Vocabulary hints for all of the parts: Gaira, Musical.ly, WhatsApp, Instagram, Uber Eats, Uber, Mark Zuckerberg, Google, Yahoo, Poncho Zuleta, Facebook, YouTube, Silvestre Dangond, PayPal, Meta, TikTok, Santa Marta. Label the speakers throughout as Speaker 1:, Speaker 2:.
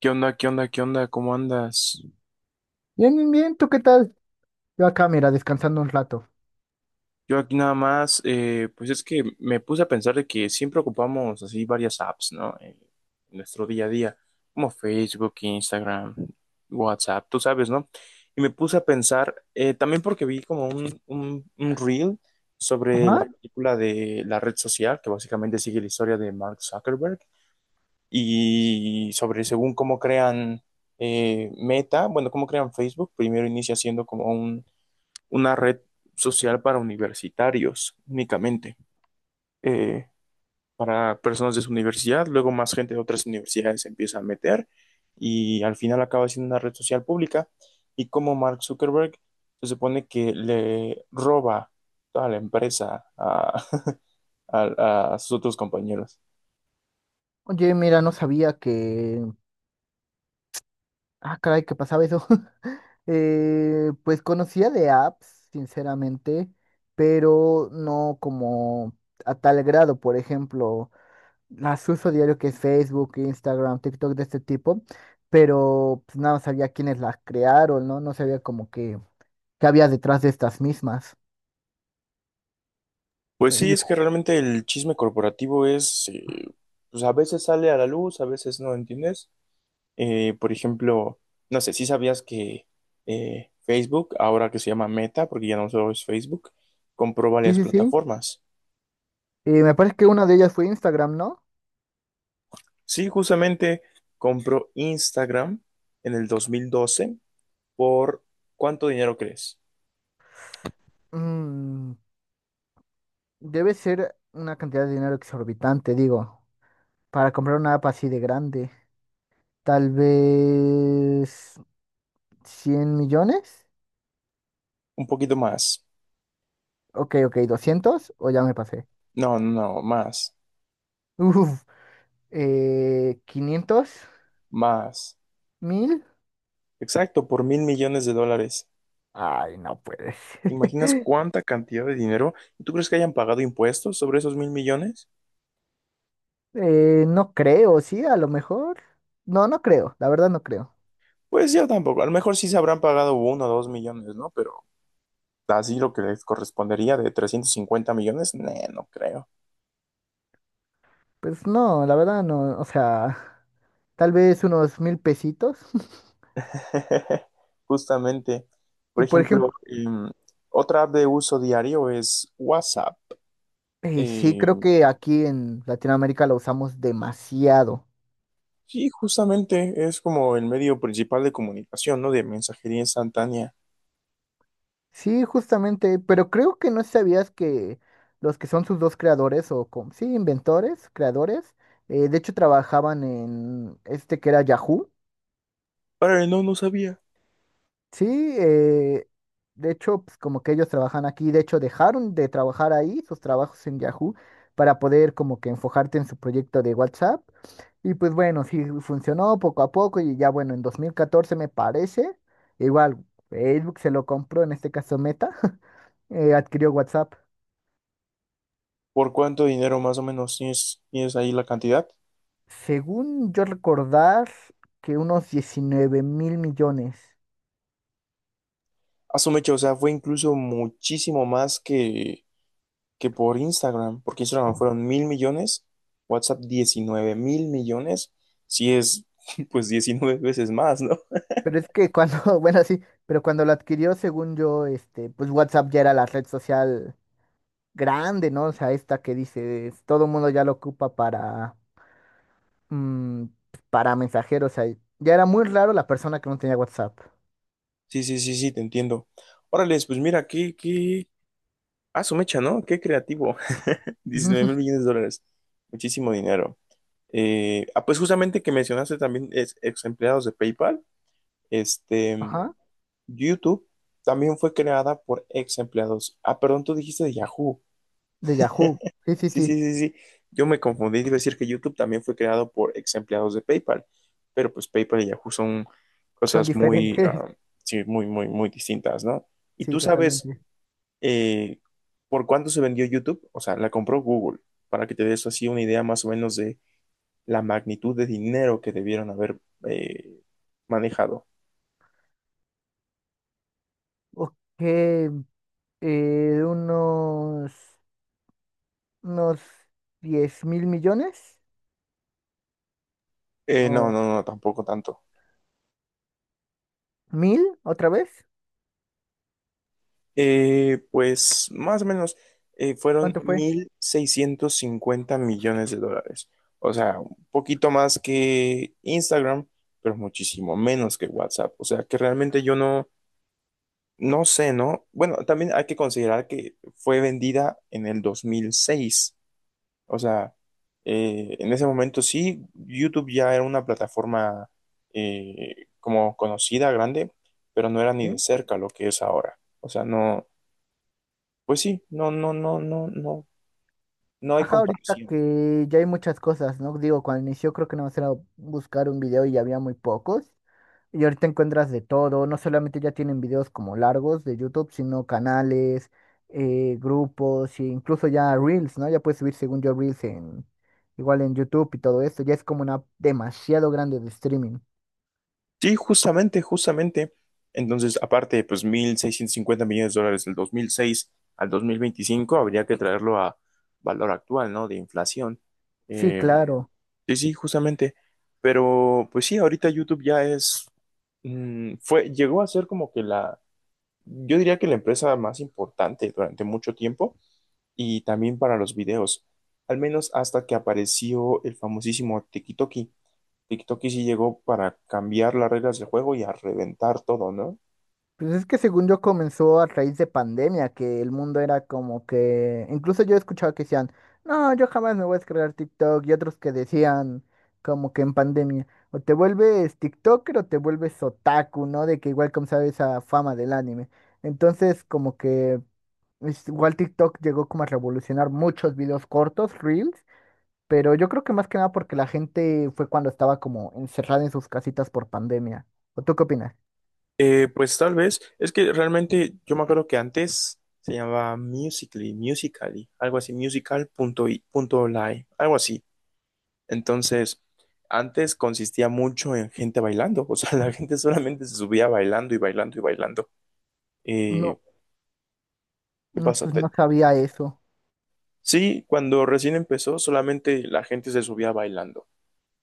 Speaker 1: ¿Qué onda? ¿Qué onda? ¿Qué onda? ¿Cómo andas?
Speaker 2: Bien, bien, bien, ¿tú qué tal? Yo acá, mira, descansando un rato.
Speaker 1: Yo aquí nada más, pues es que me puse a pensar de que siempre ocupamos así varias apps, ¿no? En nuestro día a día, como Facebook, Instagram, WhatsApp, tú sabes, ¿no? Y me puse a pensar, también porque vi como un reel sobre la
Speaker 2: Ajá.
Speaker 1: película de la red social, que básicamente sigue la historia de Mark Zuckerberg, y sobre según cómo crean Meta, bueno, cómo crean Facebook. Primero inicia siendo como un una red social para universitarios únicamente, eh, para personas de su universidad, luego más gente de otras universidades se empieza a meter y al final acaba siendo una red social pública, y como Mark Zuckerberg se supone que le roba toda la empresa a, a sus otros compañeros.
Speaker 2: Oye, mira, no sabía que... Ah, caray, que pasaba eso. Pues conocía de apps, sinceramente, pero no como a tal grado. Por ejemplo, las uso diario que es Facebook, Instagram, TikTok de este tipo, pero pues, nada, sabía quiénes las crearon, ¿no? No sabía como que qué había detrás de estas mismas.
Speaker 1: Pues sí,
Speaker 2: Y-
Speaker 1: es que realmente el chisme corporativo es, pues a veces sale a la luz, a veces no, ¿entiendes? Por ejemplo, no sé, si sabías que Facebook, ahora que se llama Meta, porque ya no solo es Facebook, compró
Speaker 2: sí,
Speaker 1: varias
Speaker 2: sí, sí.
Speaker 1: plataformas.
Speaker 2: Me parece que una de ellas fue Instagram, ¿no?
Speaker 1: Sí, justamente compró Instagram en el 2012, por ¿cuánto dinero crees?
Speaker 2: Mm, debe ser una cantidad de dinero exorbitante, digo, para comprar una app así de grande. Tal vez 100 millones.
Speaker 1: Un poquito más.
Speaker 2: Ok, ok, 200 o ya me pasé.
Speaker 1: No, no, no, más,
Speaker 2: Uf, 500,
Speaker 1: más.
Speaker 2: 1000.
Speaker 1: Exacto, por mil millones de dólares.
Speaker 2: Ay, no puedes.
Speaker 1: ¿Te ¿Imaginas cuánta cantidad de dinero? ¿Tú crees que hayan pagado impuestos sobre esos mil millones?
Speaker 2: No creo, sí, a lo mejor. No, no creo, la verdad no creo.
Speaker 1: Pues yo tampoco. A lo mejor sí se habrán pagado uno o dos millones, ¿no? Pero así lo que les correspondería de 350 millones, nee, no creo.
Speaker 2: Pues no, la verdad no, o sea, tal vez unos 1000 pesitos.
Speaker 1: Justamente,
Speaker 2: Y
Speaker 1: por
Speaker 2: por
Speaker 1: ejemplo,
Speaker 2: ejemplo,
Speaker 1: otra app de uso diario es WhatsApp.
Speaker 2: y sí,
Speaker 1: Eh,
Speaker 2: creo que aquí en Latinoamérica lo usamos demasiado.
Speaker 1: sí, justamente es como el medio principal de comunicación, ¿no? De mensajería instantánea.
Speaker 2: Sí, justamente, pero creo que no sabías que los que son sus dos creadores o sí, inventores, creadores, de hecho trabajaban en este que era Yahoo.
Speaker 1: Pero no, no sabía.
Speaker 2: Sí, eh, de hecho, pues como que ellos trabajan aquí, de hecho dejaron de trabajar ahí sus trabajos en Yahoo para poder como que enfocarte en su proyecto de WhatsApp. Y pues bueno, sí funcionó poco a poco y ya bueno, en 2014 me parece, igual Facebook se lo compró, en este caso Meta, adquirió WhatsApp.
Speaker 1: ¿Por cuánto dinero más o menos tienes ahí la cantidad?
Speaker 2: Según yo recordar, que unos 19 mil millones.
Speaker 1: A su o sea, fue incluso muchísimo más que por Instagram, porque Instagram fueron mil millones, WhatsApp 19 mil millones, si es pues 19 veces más, ¿no?
Speaker 2: Pero es que cuando, bueno, sí, pero cuando lo adquirió, según yo, este, pues WhatsApp ya era la red social grande, ¿no? O sea, esta que dices, todo el mundo ya lo ocupa para, mm, para mensajeros, o sea, ya era muy raro la persona que no tenía WhatsApp.
Speaker 1: Sí, sí, sí, sí, te entiendo. Órales, pues mira, qué, ah, su mecha, ¿no? Qué creativo, 19 mil millones de dólares, muchísimo dinero. Ah, pues justamente, que mencionaste, también es ex empleados de PayPal, este,
Speaker 2: Ajá.
Speaker 1: YouTube también fue creada por ex empleados. Ah, perdón, tú dijiste de Yahoo.
Speaker 2: De Yahoo. Sí, sí,
Speaker 1: Sí, sí,
Speaker 2: sí.
Speaker 1: sí, sí. Yo me confundí, iba a decir que YouTube también fue creado por ex empleados de PayPal, pero pues PayPal y Yahoo son
Speaker 2: Son
Speaker 1: cosas muy,
Speaker 2: diferentes.
Speaker 1: ah, sí, muy, muy, muy distintas, ¿no? Y
Speaker 2: Sí,
Speaker 1: tú sabes
Speaker 2: totalmente.
Speaker 1: eh, por cuánto se vendió YouTube, o sea, la compró Google, para que te des así una idea más o menos de la magnitud de dinero que debieron haber eh, manejado.
Speaker 2: Ok, unos, unos 10 mil millones.
Speaker 1: No,
Speaker 2: ¿O
Speaker 1: no, no, tampoco tanto.
Speaker 2: 1000 otra vez?
Speaker 1: Pues más o menos fueron
Speaker 2: ¿Cuánto fue?
Speaker 1: 1.650 millones de dólares. O sea, un poquito más que Instagram, pero muchísimo menos que WhatsApp. O sea, que realmente yo no, no sé, ¿no? Bueno, también hay que considerar que fue vendida en el dos mil seis. O sea, en ese momento sí, YouTube ya era una plataforma como conocida, grande, pero no era ni de
Speaker 2: Sí.
Speaker 1: cerca lo que es ahora. O sea, no. Pues sí, no, no, no, no, no, no hay
Speaker 2: Ajá, ahorita
Speaker 1: comparación.
Speaker 2: que ya hay muchas cosas, ¿no? Digo, cuando inició creo que nada más era buscar un video y ya había muy pocos. Y ahorita encuentras de todo, no solamente ya tienen videos como largos de YouTube, sino canales, grupos, e incluso ya Reels, ¿no? Ya puedes subir según yo Reels en, igual en YouTube y todo esto, ya es como una app demasiado grande de streaming.
Speaker 1: Sí, justamente, justamente. Entonces, aparte, pues 1.650 millones de dólares del 2006 al 2025 habría que traerlo a valor actual, ¿no? De inflación.
Speaker 2: Sí,
Speaker 1: Eh,
Speaker 2: claro.
Speaker 1: sí, sí, justamente. Pero, pues sí, ahorita YouTube ya es, fue, llegó a ser como que la, yo diría que la empresa más importante durante mucho tiempo y también para los videos, al menos hasta que apareció el famosísimo TikTok. TikTok y sí llegó para cambiar las reglas del juego y a reventar todo, ¿no?
Speaker 2: Pues es que según yo comenzó a raíz de pandemia, que el mundo era como que, incluso yo escuchaba que decían, no, yo jamás me voy a descargar TikTok, y otros que decían como que en pandemia, o te vuelves TikToker o te vuelves otaku, ¿no? De que igual como sabes esa fama del anime. Entonces como que igual TikTok llegó como a revolucionar muchos videos cortos, reels, pero yo creo que más que nada porque la gente fue cuando estaba como encerrada en sus casitas por pandemia. ¿O tú qué opinas?
Speaker 1: Pues tal vez, es que realmente yo me acuerdo que antes se llamaba Musical.ly, algo así, musical.ly, algo así. Entonces, antes consistía mucho en gente bailando, o sea, la gente solamente se subía bailando y bailando y bailando. Eh, ¿Qué
Speaker 2: No,
Speaker 1: pasa?
Speaker 2: pues no sabía eso.
Speaker 1: Sí, cuando recién empezó, solamente la gente se subía bailando.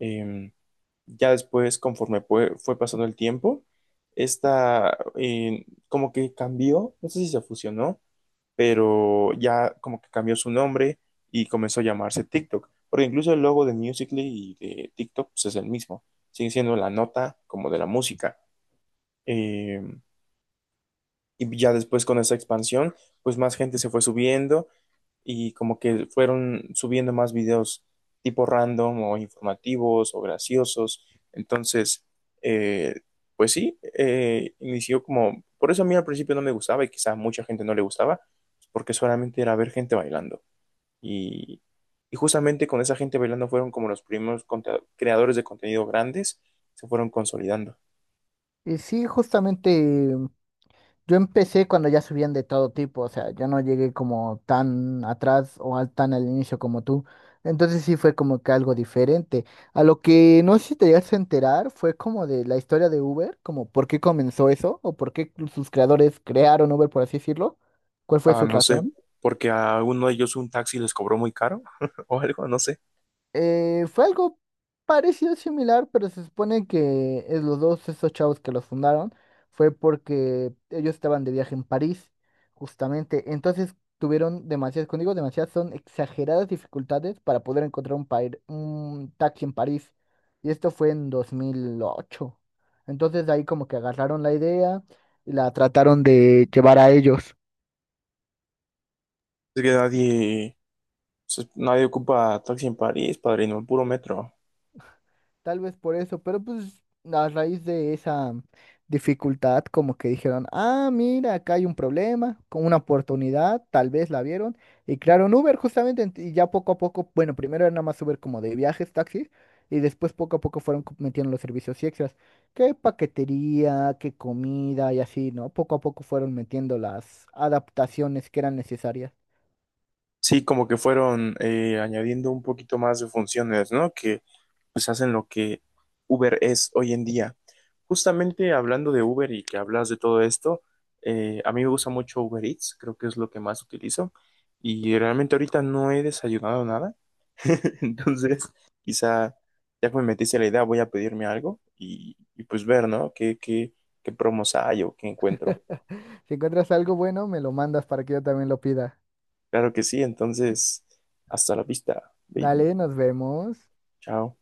Speaker 1: Eh, Ya después, conforme fue pasando el tiempo, esta como que cambió, no sé si se fusionó, pero ya como que cambió su nombre y comenzó a llamarse TikTok, porque incluso el logo de Musical.ly y de TikTok pues, es el mismo, sigue siendo la nota como de la música. Eh, y ya después, con esa expansión, pues más gente se fue subiendo y como que fueron subiendo más videos tipo random o informativos o graciosos. Entonces, eh, pues sí, inició como, por eso a mí al principio no me gustaba y quizá a mucha gente no le gustaba, porque solamente era ver gente bailando. Y, y justamente, con esa gente bailando, fueron como los primeros creadores de contenido grandes, se fueron consolidando.
Speaker 2: Y sí, justamente yo empecé cuando ya subían de todo tipo, o sea, yo no llegué como tan atrás o tan al inicio como tú. Entonces sí fue como que algo diferente. A lo que no sé si te llegaste a enterar fue como de la historia de Uber, como por qué comenzó eso o por qué sus creadores crearon Uber, por así decirlo. ¿Cuál fue
Speaker 1: Ah,
Speaker 2: su
Speaker 1: no sé,
Speaker 2: razón?
Speaker 1: porque a uno de ellos un taxi les cobró muy caro o algo, no sé.
Speaker 2: Fue algo parecido, similar, pero se supone que los dos, esos chavos que los fundaron, fue porque ellos estaban de viaje en París, justamente. Entonces tuvieron demasiadas, cuando digo demasiadas, son exageradas dificultades para poder encontrar un, un taxi en París. Y esto fue en 2008. Entonces de ahí como que agarraron la idea y la trataron de llevar a ellos.
Speaker 1: Es que nadie. Nadie ocupa taxi en París, padrino, puro metro.
Speaker 2: Tal vez por eso, pero pues a raíz de esa dificultad, como que dijeron, ah, mira, acá hay un problema, con una oportunidad, tal vez la vieron, y crearon Uber justamente, y ya poco a poco, bueno, primero era nada más Uber como de viajes, taxis, y después poco a poco fueron metiendo los servicios extras, que paquetería, que comida y así, ¿no? Poco a poco fueron metiendo las adaptaciones que eran necesarias.
Speaker 1: Sí, como que fueron añadiendo un poquito más de funciones, ¿no? Que pues hacen lo que Uber es hoy en día. Justamente, hablando de Uber y que hablas de todo esto, a mí me gusta mucho Uber Eats, creo que es lo que más utilizo. Y realmente ahorita no he desayunado nada, entonces quizá ya que me metiste la idea, voy a pedirme algo y pues ver, ¿no? ¿Qué promos hay o qué encuentro?
Speaker 2: Si encuentras algo bueno, me lo mandas para que yo también lo pida.
Speaker 1: Claro que sí, entonces, hasta la vista, baby.
Speaker 2: Dale, nos vemos.
Speaker 1: Chao.